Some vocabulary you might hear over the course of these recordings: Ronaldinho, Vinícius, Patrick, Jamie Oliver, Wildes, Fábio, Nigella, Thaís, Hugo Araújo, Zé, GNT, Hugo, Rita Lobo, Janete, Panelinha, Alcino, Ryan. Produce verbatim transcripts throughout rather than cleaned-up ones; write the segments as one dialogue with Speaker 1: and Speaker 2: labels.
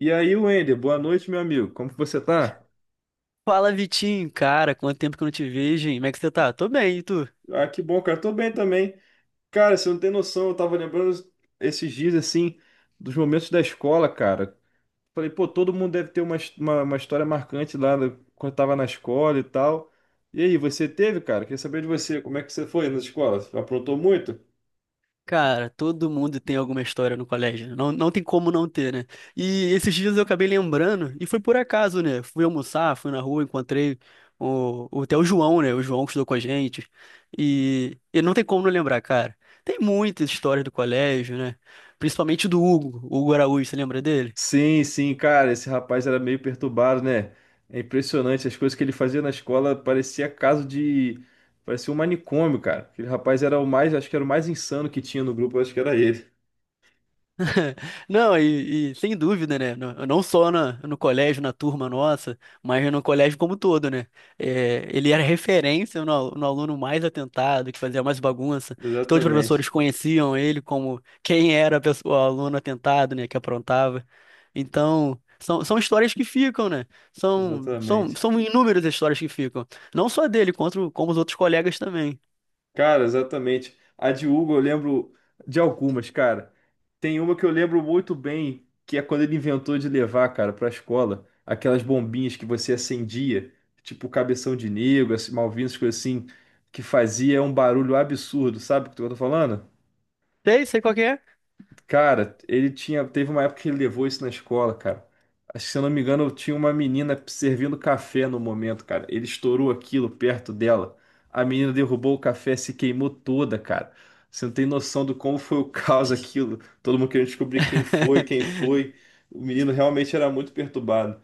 Speaker 1: E aí, Wender, boa noite, meu amigo. Como que você tá?
Speaker 2: Fala, Vitinho, cara, quanto tempo que eu não te vejo, hein? Como é que você tá? Tô bem, e tu?
Speaker 1: Ah, que bom, cara. Tô bem também. Cara, você não tem noção, eu tava lembrando esses dias, assim, dos momentos da escola, cara. Falei, pô, todo mundo deve ter uma, his- uma, uma história marcante lá da- quando tava na escola e tal. E aí, você teve, cara? Queria saber de você, como é que você foi na escola? Aprontou muito?
Speaker 2: Cara, todo mundo tem alguma história no colégio, né? Não, não tem como não ter, né? E esses dias eu acabei lembrando, e foi por acaso, né? Fui almoçar, fui na rua, encontrei o, o, até o João, né? O João que estudou com a gente, e, e não tem como não lembrar, cara. Tem muitas histórias do colégio, né? Principalmente do Hugo, o Hugo Araújo, você lembra dele?
Speaker 1: Sim, sim, cara, esse rapaz era meio perturbado, né? É impressionante, as coisas que ele fazia na escola parecia caso de. Parecia um manicômio, cara. Aquele rapaz era o mais, acho que era o mais insano que tinha no grupo, acho que era ele.
Speaker 2: Não, e, e sem dúvida, né? Não, não só na- no colégio, na turma nossa, mas no colégio como um todo, né? É, ele era referência no, al- no aluno mais atentado, que fazia mais bagunça. Todos os professores
Speaker 1: Exatamente,
Speaker 2: conheciam ele como quem era a pessoa- o aluno atentado, né? Que aprontava. Então, são, são histórias que ficam, né? São, são,
Speaker 1: exatamente.
Speaker 2: são inúmeras as histórias que ficam. Não só dele, quanto, como os outros colegas também.
Speaker 1: Cara, exatamente. A de Hugo eu lembro de algumas, cara. Tem uma que eu lembro muito bem, que é quando ele inventou de levar, cara, pra escola, aquelas bombinhas que você acendia, tipo cabeção de negro, esse Malvinas, coisa assim, que fazia um barulho absurdo, sabe o que eu tô falando?
Speaker 2: Sei, sei qual que é.
Speaker 1: Cara, ele tinha. Teve uma época que ele levou isso na escola, cara. Acho que, se eu não me engano, tinha uma menina servindo café no momento, cara. Ele estourou aquilo perto dela. A menina derrubou o café, se queimou toda, cara. Você não tem noção do como foi o caos aquilo. Todo mundo querendo descobrir quem foi, quem foi. O menino realmente era muito perturbado.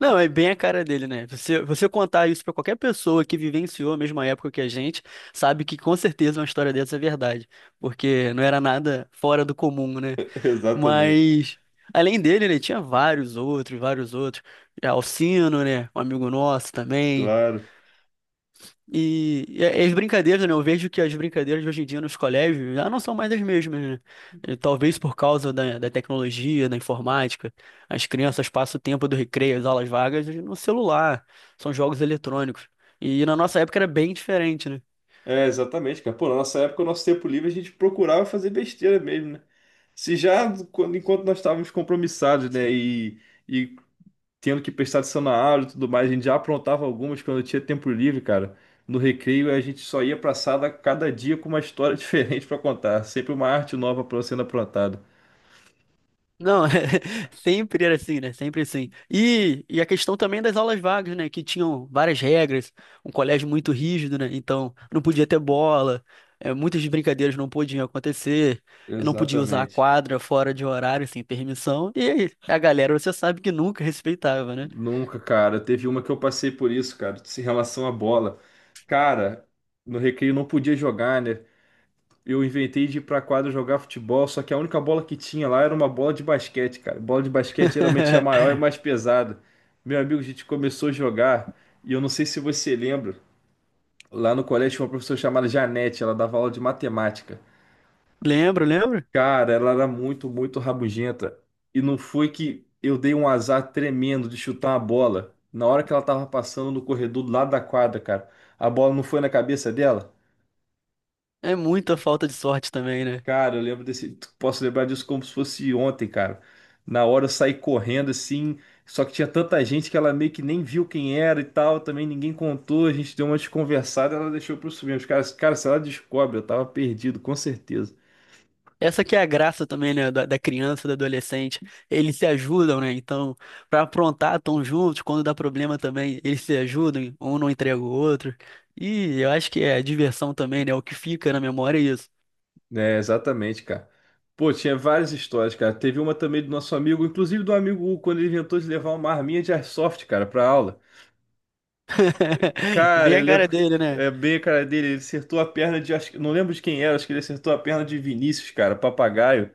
Speaker 2: Não, é bem a cara dele, né? Você, você contar isso pra qualquer pessoa que vivenciou a mesma época que a gente, sabe que com certeza uma história dessa é verdade, porque não era nada fora do comum, né?
Speaker 1: Exatamente.
Speaker 2: Mas além dele, né, tinha vários outros, vários outros. É, Alcino, né? Um amigo nosso também.
Speaker 1: Claro.
Speaker 2: E, e as brincadeiras, né? Eu vejo que as brincadeiras de hoje em dia nos colégios já não são mais as mesmas, né? E talvez por causa da, da tecnologia, da informática. As crianças passam o tempo do recreio, as aulas vagas, no celular. São jogos eletrônicos. E na nossa época era bem diferente, né?
Speaker 1: É, exatamente, cara. Pô, na nossa época, o nosso tempo livre, a gente procurava fazer besteira mesmo, né? Se já, quando- enquanto nós estávamos compromissados, né? E e tendo que prestar atenção na aula e tudo mais. A gente já aprontava algumas quando tinha tempo livre, cara. No recreio a gente só ia pra sala cada dia com uma história diferente pra contar, sempre uma arte nova para sendo aprontada.
Speaker 2: Não, é sempre era assim, né? Sempre assim. E, e a questão também das aulas vagas, né? Que tinham várias regras, um colégio muito rígido, né? Então, não podia ter bola, é, muitas brincadeiras não podiam acontecer, eu não podia usar a
Speaker 1: Exatamente.
Speaker 2: quadra fora de horário, sem permissão. E aí, a galera, você sabe que nunca respeitava, né?
Speaker 1: Nunca, cara. Teve uma que eu passei por isso, cara, em relação à bola. Cara, no recreio não podia jogar, né? Eu inventei de ir pra quadra jogar futebol, só que a única bola que tinha lá era uma bola de basquete, cara. Bola de basquete geralmente é maior e mais pesada. Meu amigo, a gente começou a jogar, e eu não sei se você lembra, lá no colégio tinha uma professora chamada Janete, ela dava aula de matemática.
Speaker 2: Lembro, lembro.
Speaker 1: Cara, ela era muito, muito rabugenta. E não foi que eu dei um azar tremendo de chutar uma bola. Na hora que ela tava passando no corredor do lado da quadra, cara, a bola não foi na cabeça dela?
Speaker 2: É muita falta de sorte também, né?
Speaker 1: Cara, eu lembro desse. Posso lembrar disso como se fosse ontem, cara. Na hora eu saí correndo assim, só que tinha tanta gente que ela meio que nem viu quem era e tal, também ninguém contou, a gente deu uma desconversada, ela deixou pra eu subir. Os caras, cara, se ela descobre, eu tava perdido, com certeza.
Speaker 2: Essa que é a graça também, né, da, da criança, do adolescente. Eles se ajudam, né? Então, pra aprontar, estão juntos. Quando dá problema também, eles se ajudam. Um não entrega o outro. E eu acho que é a diversão também, né? é O que fica na memória é isso.
Speaker 1: É, exatamente, cara. Pô, tinha várias histórias, cara. Teve uma também do nosso amigo, inclusive do amigo Hugo, quando ele inventou de levar uma arminha de airsoft, cara, pra aula. Cara,
Speaker 2: Vem
Speaker 1: ele
Speaker 2: a cara
Speaker 1: lembro.
Speaker 2: dele, né?
Speaker 1: É bem a cara dele, ele acertou a perna de. Acho, que- não lembro de quem era, acho que ele acertou a perna de Vinícius, cara, papagaio.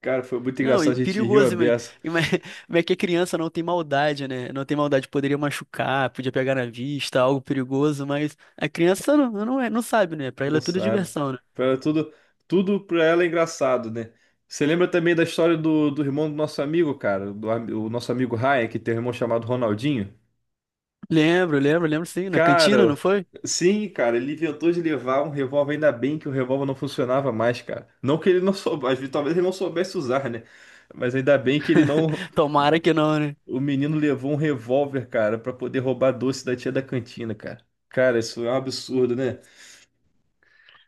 Speaker 1: Cara, foi muito
Speaker 2: Não,
Speaker 1: engraçado,
Speaker 2: e
Speaker 1: a gente riu a
Speaker 2: perigoso, mas,
Speaker 1: beça.
Speaker 2: mas, mas é que a criança não tem maldade, né? Não tem maldade, poderia machucar, podia pegar na vista, algo perigoso, mas a criança não, não, é, não sabe, né? Pra ela
Speaker 1: Não
Speaker 2: é tudo
Speaker 1: sabe.
Speaker 2: diversão, né?
Speaker 1: Era tudo, tudo pra ela é engraçado, né? Você lembra também da história do, do irmão do nosso amigo, cara? Do, ami- o nosso amigo Ryan, que tem um irmão chamado Ronaldinho?
Speaker 2: Lembro, lembro, lembro sim, na cantina,
Speaker 1: Cara,
Speaker 2: não foi?
Speaker 1: sim, cara, ele inventou de levar um revólver, ainda bem que o revólver não funcionava mais, cara. Não que ele não soubesse, talvez ele não soubesse usar, né? Mas ainda bem que ele não.
Speaker 2: Tomara que não, né?
Speaker 1: O menino levou um revólver, cara, pra poder roubar doce da tia da cantina, cara. Cara, isso é um absurdo, né?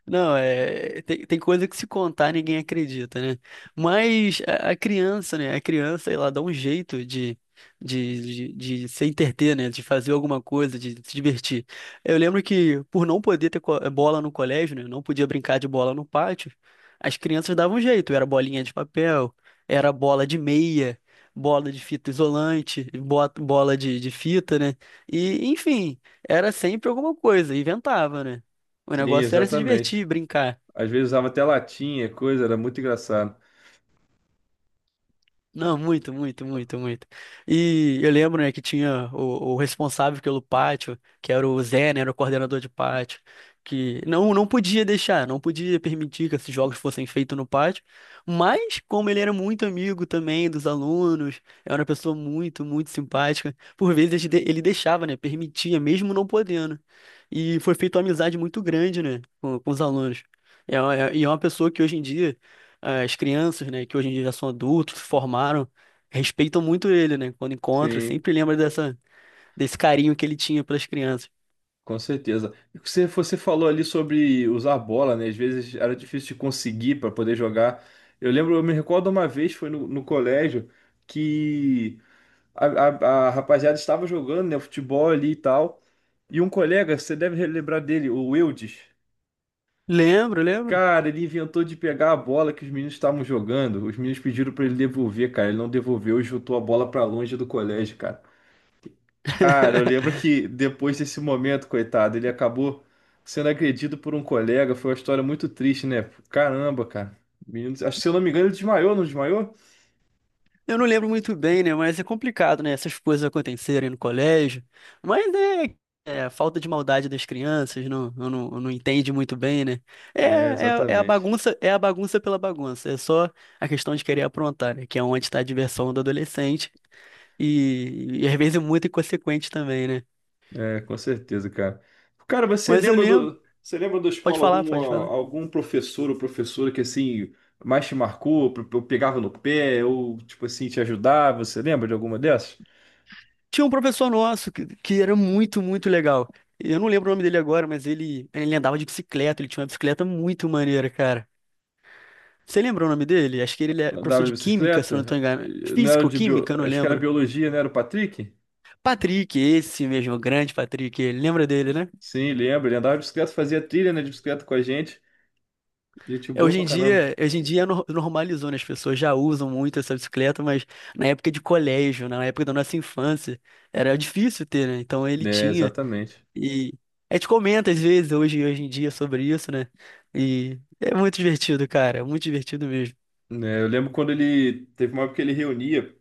Speaker 2: Não, é, tem, tem coisa que se contar ninguém acredita, né? Mas a, a criança, né? A criança, ela dá um jeito de, de, de, de se entreter, né? De fazer alguma coisa, de se divertir. Eu lembro que, por não poder ter co- bola no colégio, né? Não podia brincar de bola no pátio, as crianças davam um jeito. Era bolinha de papel, era bola de meia, bola de fita isolante, bo- bola de, de fita, né? E, enfim, era sempre alguma coisa, inventava, né? O
Speaker 1: Sim,
Speaker 2: negócio era se
Speaker 1: exatamente.
Speaker 2: divertir, brincar.
Speaker 1: Às vezes usava até latinha, coisa, era muito engraçado.
Speaker 2: Não, muito, muito, muito, muito. E eu lembro, né, que tinha o, o responsável pelo pátio, que era o Zé, né, era o coordenador de pátio, que não, não podia deixar, não podia permitir que esses jogos fossem feitos no pátio. Mas, como ele era muito amigo também dos alunos, era uma pessoa muito, muito simpática, por vezes de- ele deixava, né, permitia, mesmo não podendo. E foi feita uma amizade muito grande, né, com, com os alunos. É, uma- é- e é uma pessoa que hoje em dia. As crianças, né, que hoje em dia já são adultos, se formaram, respeitam muito ele, né? Quando encontram,
Speaker 1: Sim,
Speaker 2: sempre lembra dessa, desse carinho que ele tinha pelas crianças.
Speaker 1: com certeza. E Você, você falou ali sobre usar bola, né? Às vezes era difícil de conseguir para poder jogar. Eu lembro, eu me recordo uma vez, foi no, no colégio, que a, a a rapaziada estava jogando, né, futebol ali e tal. E um colega, você deve lembrar dele, o Wildes.
Speaker 2: Lembro, lembro.
Speaker 1: Cara, ele inventou de pegar a bola que os meninos estavam jogando. Os meninos pediram pra ele devolver, cara. Ele não devolveu e chutou a bola pra longe do colégio, cara. Cara, eu lembro que depois desse momento, coitado, ele acabou sendo agredido por um colega. Foi uma história muito triste, né? Caramba, cara. Menino, acho que se eu não me engano, ele desmaiou, não desmaiou?
Speaker 2: Eu não lembro muito bem, né? Mas é complicado, né? Essas coisas acontecerem no colégio. Mas é, é a falta de maldade das crianças, não, eu não, eu não entende muito bem, né? É,
Speaker 1: É,
Speaker 2: é, é a
Speaker 1: exatamente.
Speaker 2: bagunça, é a bagunça pela bagunça. É só a questão de querer aprontar, né? Que é onde está a diversão do adolescente. E, e às vezes é muito inconsequente também, né?
Speaker 1: É, com certeza, cara. Cara, você
Speaker 2: Mas eu
Speaker 1: lembra
Speaker 2: lembro.
Speaker 1: do, você lembra da
Speaker 2: Pode
Speaker 1: escola
Speaker 2: falar,
Speaker 1: algum,
Speaker 2: pode
Speaker 1: ah,
Speaker 2: falar.
Speaker 1: algum professor ou professora que assim mais te marcou, pe- pe- pegava no pé ou tipo assim te ajudava? Você lembra de alguma dessas?
Speaker 2: Tinha um professor nosso que, que era muito, muito legal. Eu não lembro o nome dele agora, mas ele, ele andava de bicicleta, ele tinha uma bicicleta muito maneira, cara. Você lembra o nome dele? Acho que ele é professor
Speaker 1: Andava de
Speaker 2: de química, se eu não estou
Speaker 1: bicicleta?
Speaker 2: enganado.
Speaker 1: Eh, Não era de bio.
Speaker 2: Físico-química, eu não
Speaker 1: Acho que era
Speaker 2: lembro.
Speaker 1: biologia, não era o Patrick?
Speaker 2: Patrick, esse mesmo, o grande Patrick, ele lembra dele, né?
Speaker 1: Sim, lembro. Ele andava de bicicleta, fazia trilha, né, de bicicleta com a gente. Gente
Speaker 2: É,
Speaker 1: boa
Speaker 2: hoje
Speaker 1: pra
Speaker 2: em
Speaker 1: caramba.
Speaker 2: dia, hoje em dia nor- normalizou, né? As pessoas já usam muito essa bicicleta, mas na época de colégio, na época da nossa infância, era difícil ter, né? Então ele
Speaker 1: É,
Speaker 2: tinha.
Speaker 1: exatamente.
Speaker 2: E a gente comenta às vezes hoje, hoje em dia sobre isso, né? E é muito divertido, cara, é muito divertido mesmo.
Speaker 1: Né, eu lembro quando ele teve uma época que ele reunia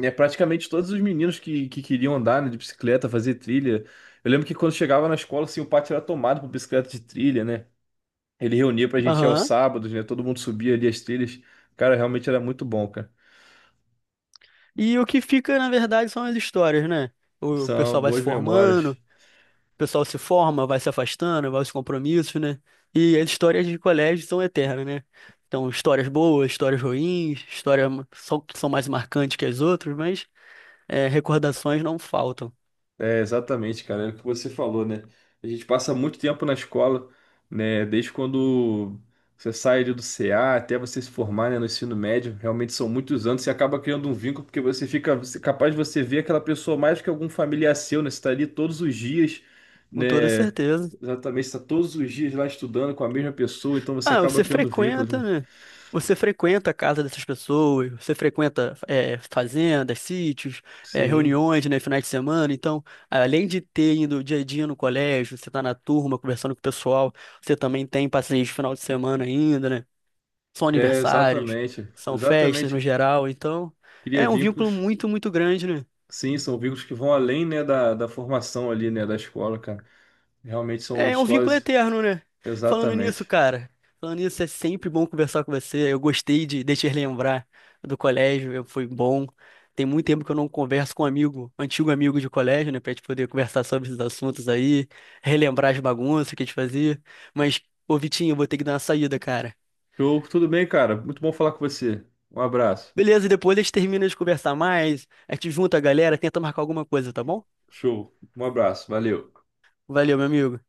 Speaker 1: é, praticamente todos os meninos que, que queriam andar, né, de bicicleta, fazer trilha. Eu lembro que quando chegava na escola, assim, o pátio era tomado por bicicleta de trilha, né? Ele reunia pra gente ir aos
Speaker 2: Aham.
Speaker 1: sábados, né? Todo mundo subia ali as trilhas. Cara, realmente era muito bom, cara.
Speaker 2: E o que fica, na verdade, são as histórias, né? O
Speaker 1: São
Speaker 2: pessoal vai se
Speaker 1: boas
Speaker 2: formando,
Speaker 1: memórias.
Speaker 2: o pessoal se forma, vai se afastando, vai aos compromissos, né? E as histórias de colégio são eternas, né? Então, histórias boas, histórias ruins, histórias só que são mais marcantes que as outras, mas é, recordações não faltam,
Speaker 1: É, exatamente, cara, é o que você falou, né? A gente passa muito tempo na escola, né? Desde quando você sai ali do C A até você se formar, né, no ensino médio, realmente são muitos anos, você acaba criando um vínculo, porque você fica você- capaz de você ver aquela pessoa mais que algum familiar seu, né? Você tá ali todos os dias,
Speaker 2: com toda
Speaker 1: né?
Speaker 2: certeza.
Speaker 1: Exatamente, você tá todos os dias lá estudando com a mesma pessoa, então você
Speaker 2: Ah,
Speaker 1: acaba
Speaker 2: você
Speaker 1: criando vínculos, né?
Speaker 2: frequenta, né? Você frequenta a casa dessas pessoas, você frequenta é, fazendas, sítios, é,
Speaker 1: Sim,
Speaker 2: reuniões, né, finais de semana. Então, além de ter ido dia a dia no colégio, você tá na turma conversando com o pessoal, você também tem passeios de final de semana ainda, né? São
Speaker 1: é,
Speaker 2: aniversários,
Speaker 1: exatamente,
Speaker 2: são festas no
Speaker 1: exatamente,
Speaker 2: geral. Então,
Speaker 1: cria
Speaker 2: é um vínculo
Speaker 1: vínculos.
Speaker 2: muito, muito grande, né?
Speaker 1: Sim, são vínculos que vão além, né, da, da formação ali, né, da escola, cara. Realmente são
Speaker 2: É, é um vínculo
Speaker 1: histórias.
Speaker 2: eterno, né? Falando nisso,
Speaker 1: Exatamente.
Speaker 2: cara, falando nisso, é sempre bom conversar com você. Eu gostei de, de te lembrar do colégio, eu- foi bom. Tem muito tempo que eu não converso com um amigo, antigo amigo de colégio, né, pra gente poder conversar sobre esses assuntos aí, relembrar as bagunças que a gente fazia. Mas, ô Vitinho, eu vou ter que dar uma saída, cara.
Speaker 1: Show, tudo bem, cara? Muito bom falar com você. Um abraço.
Speaker 2: Beleza, depois a gente termina de conversar mais, a gente junta a galera, tenta marcar alguma coisa, tá bom?
Speaker 1: Show, um abraço, valeu.
Speaker 2: Valeu, meu amigo.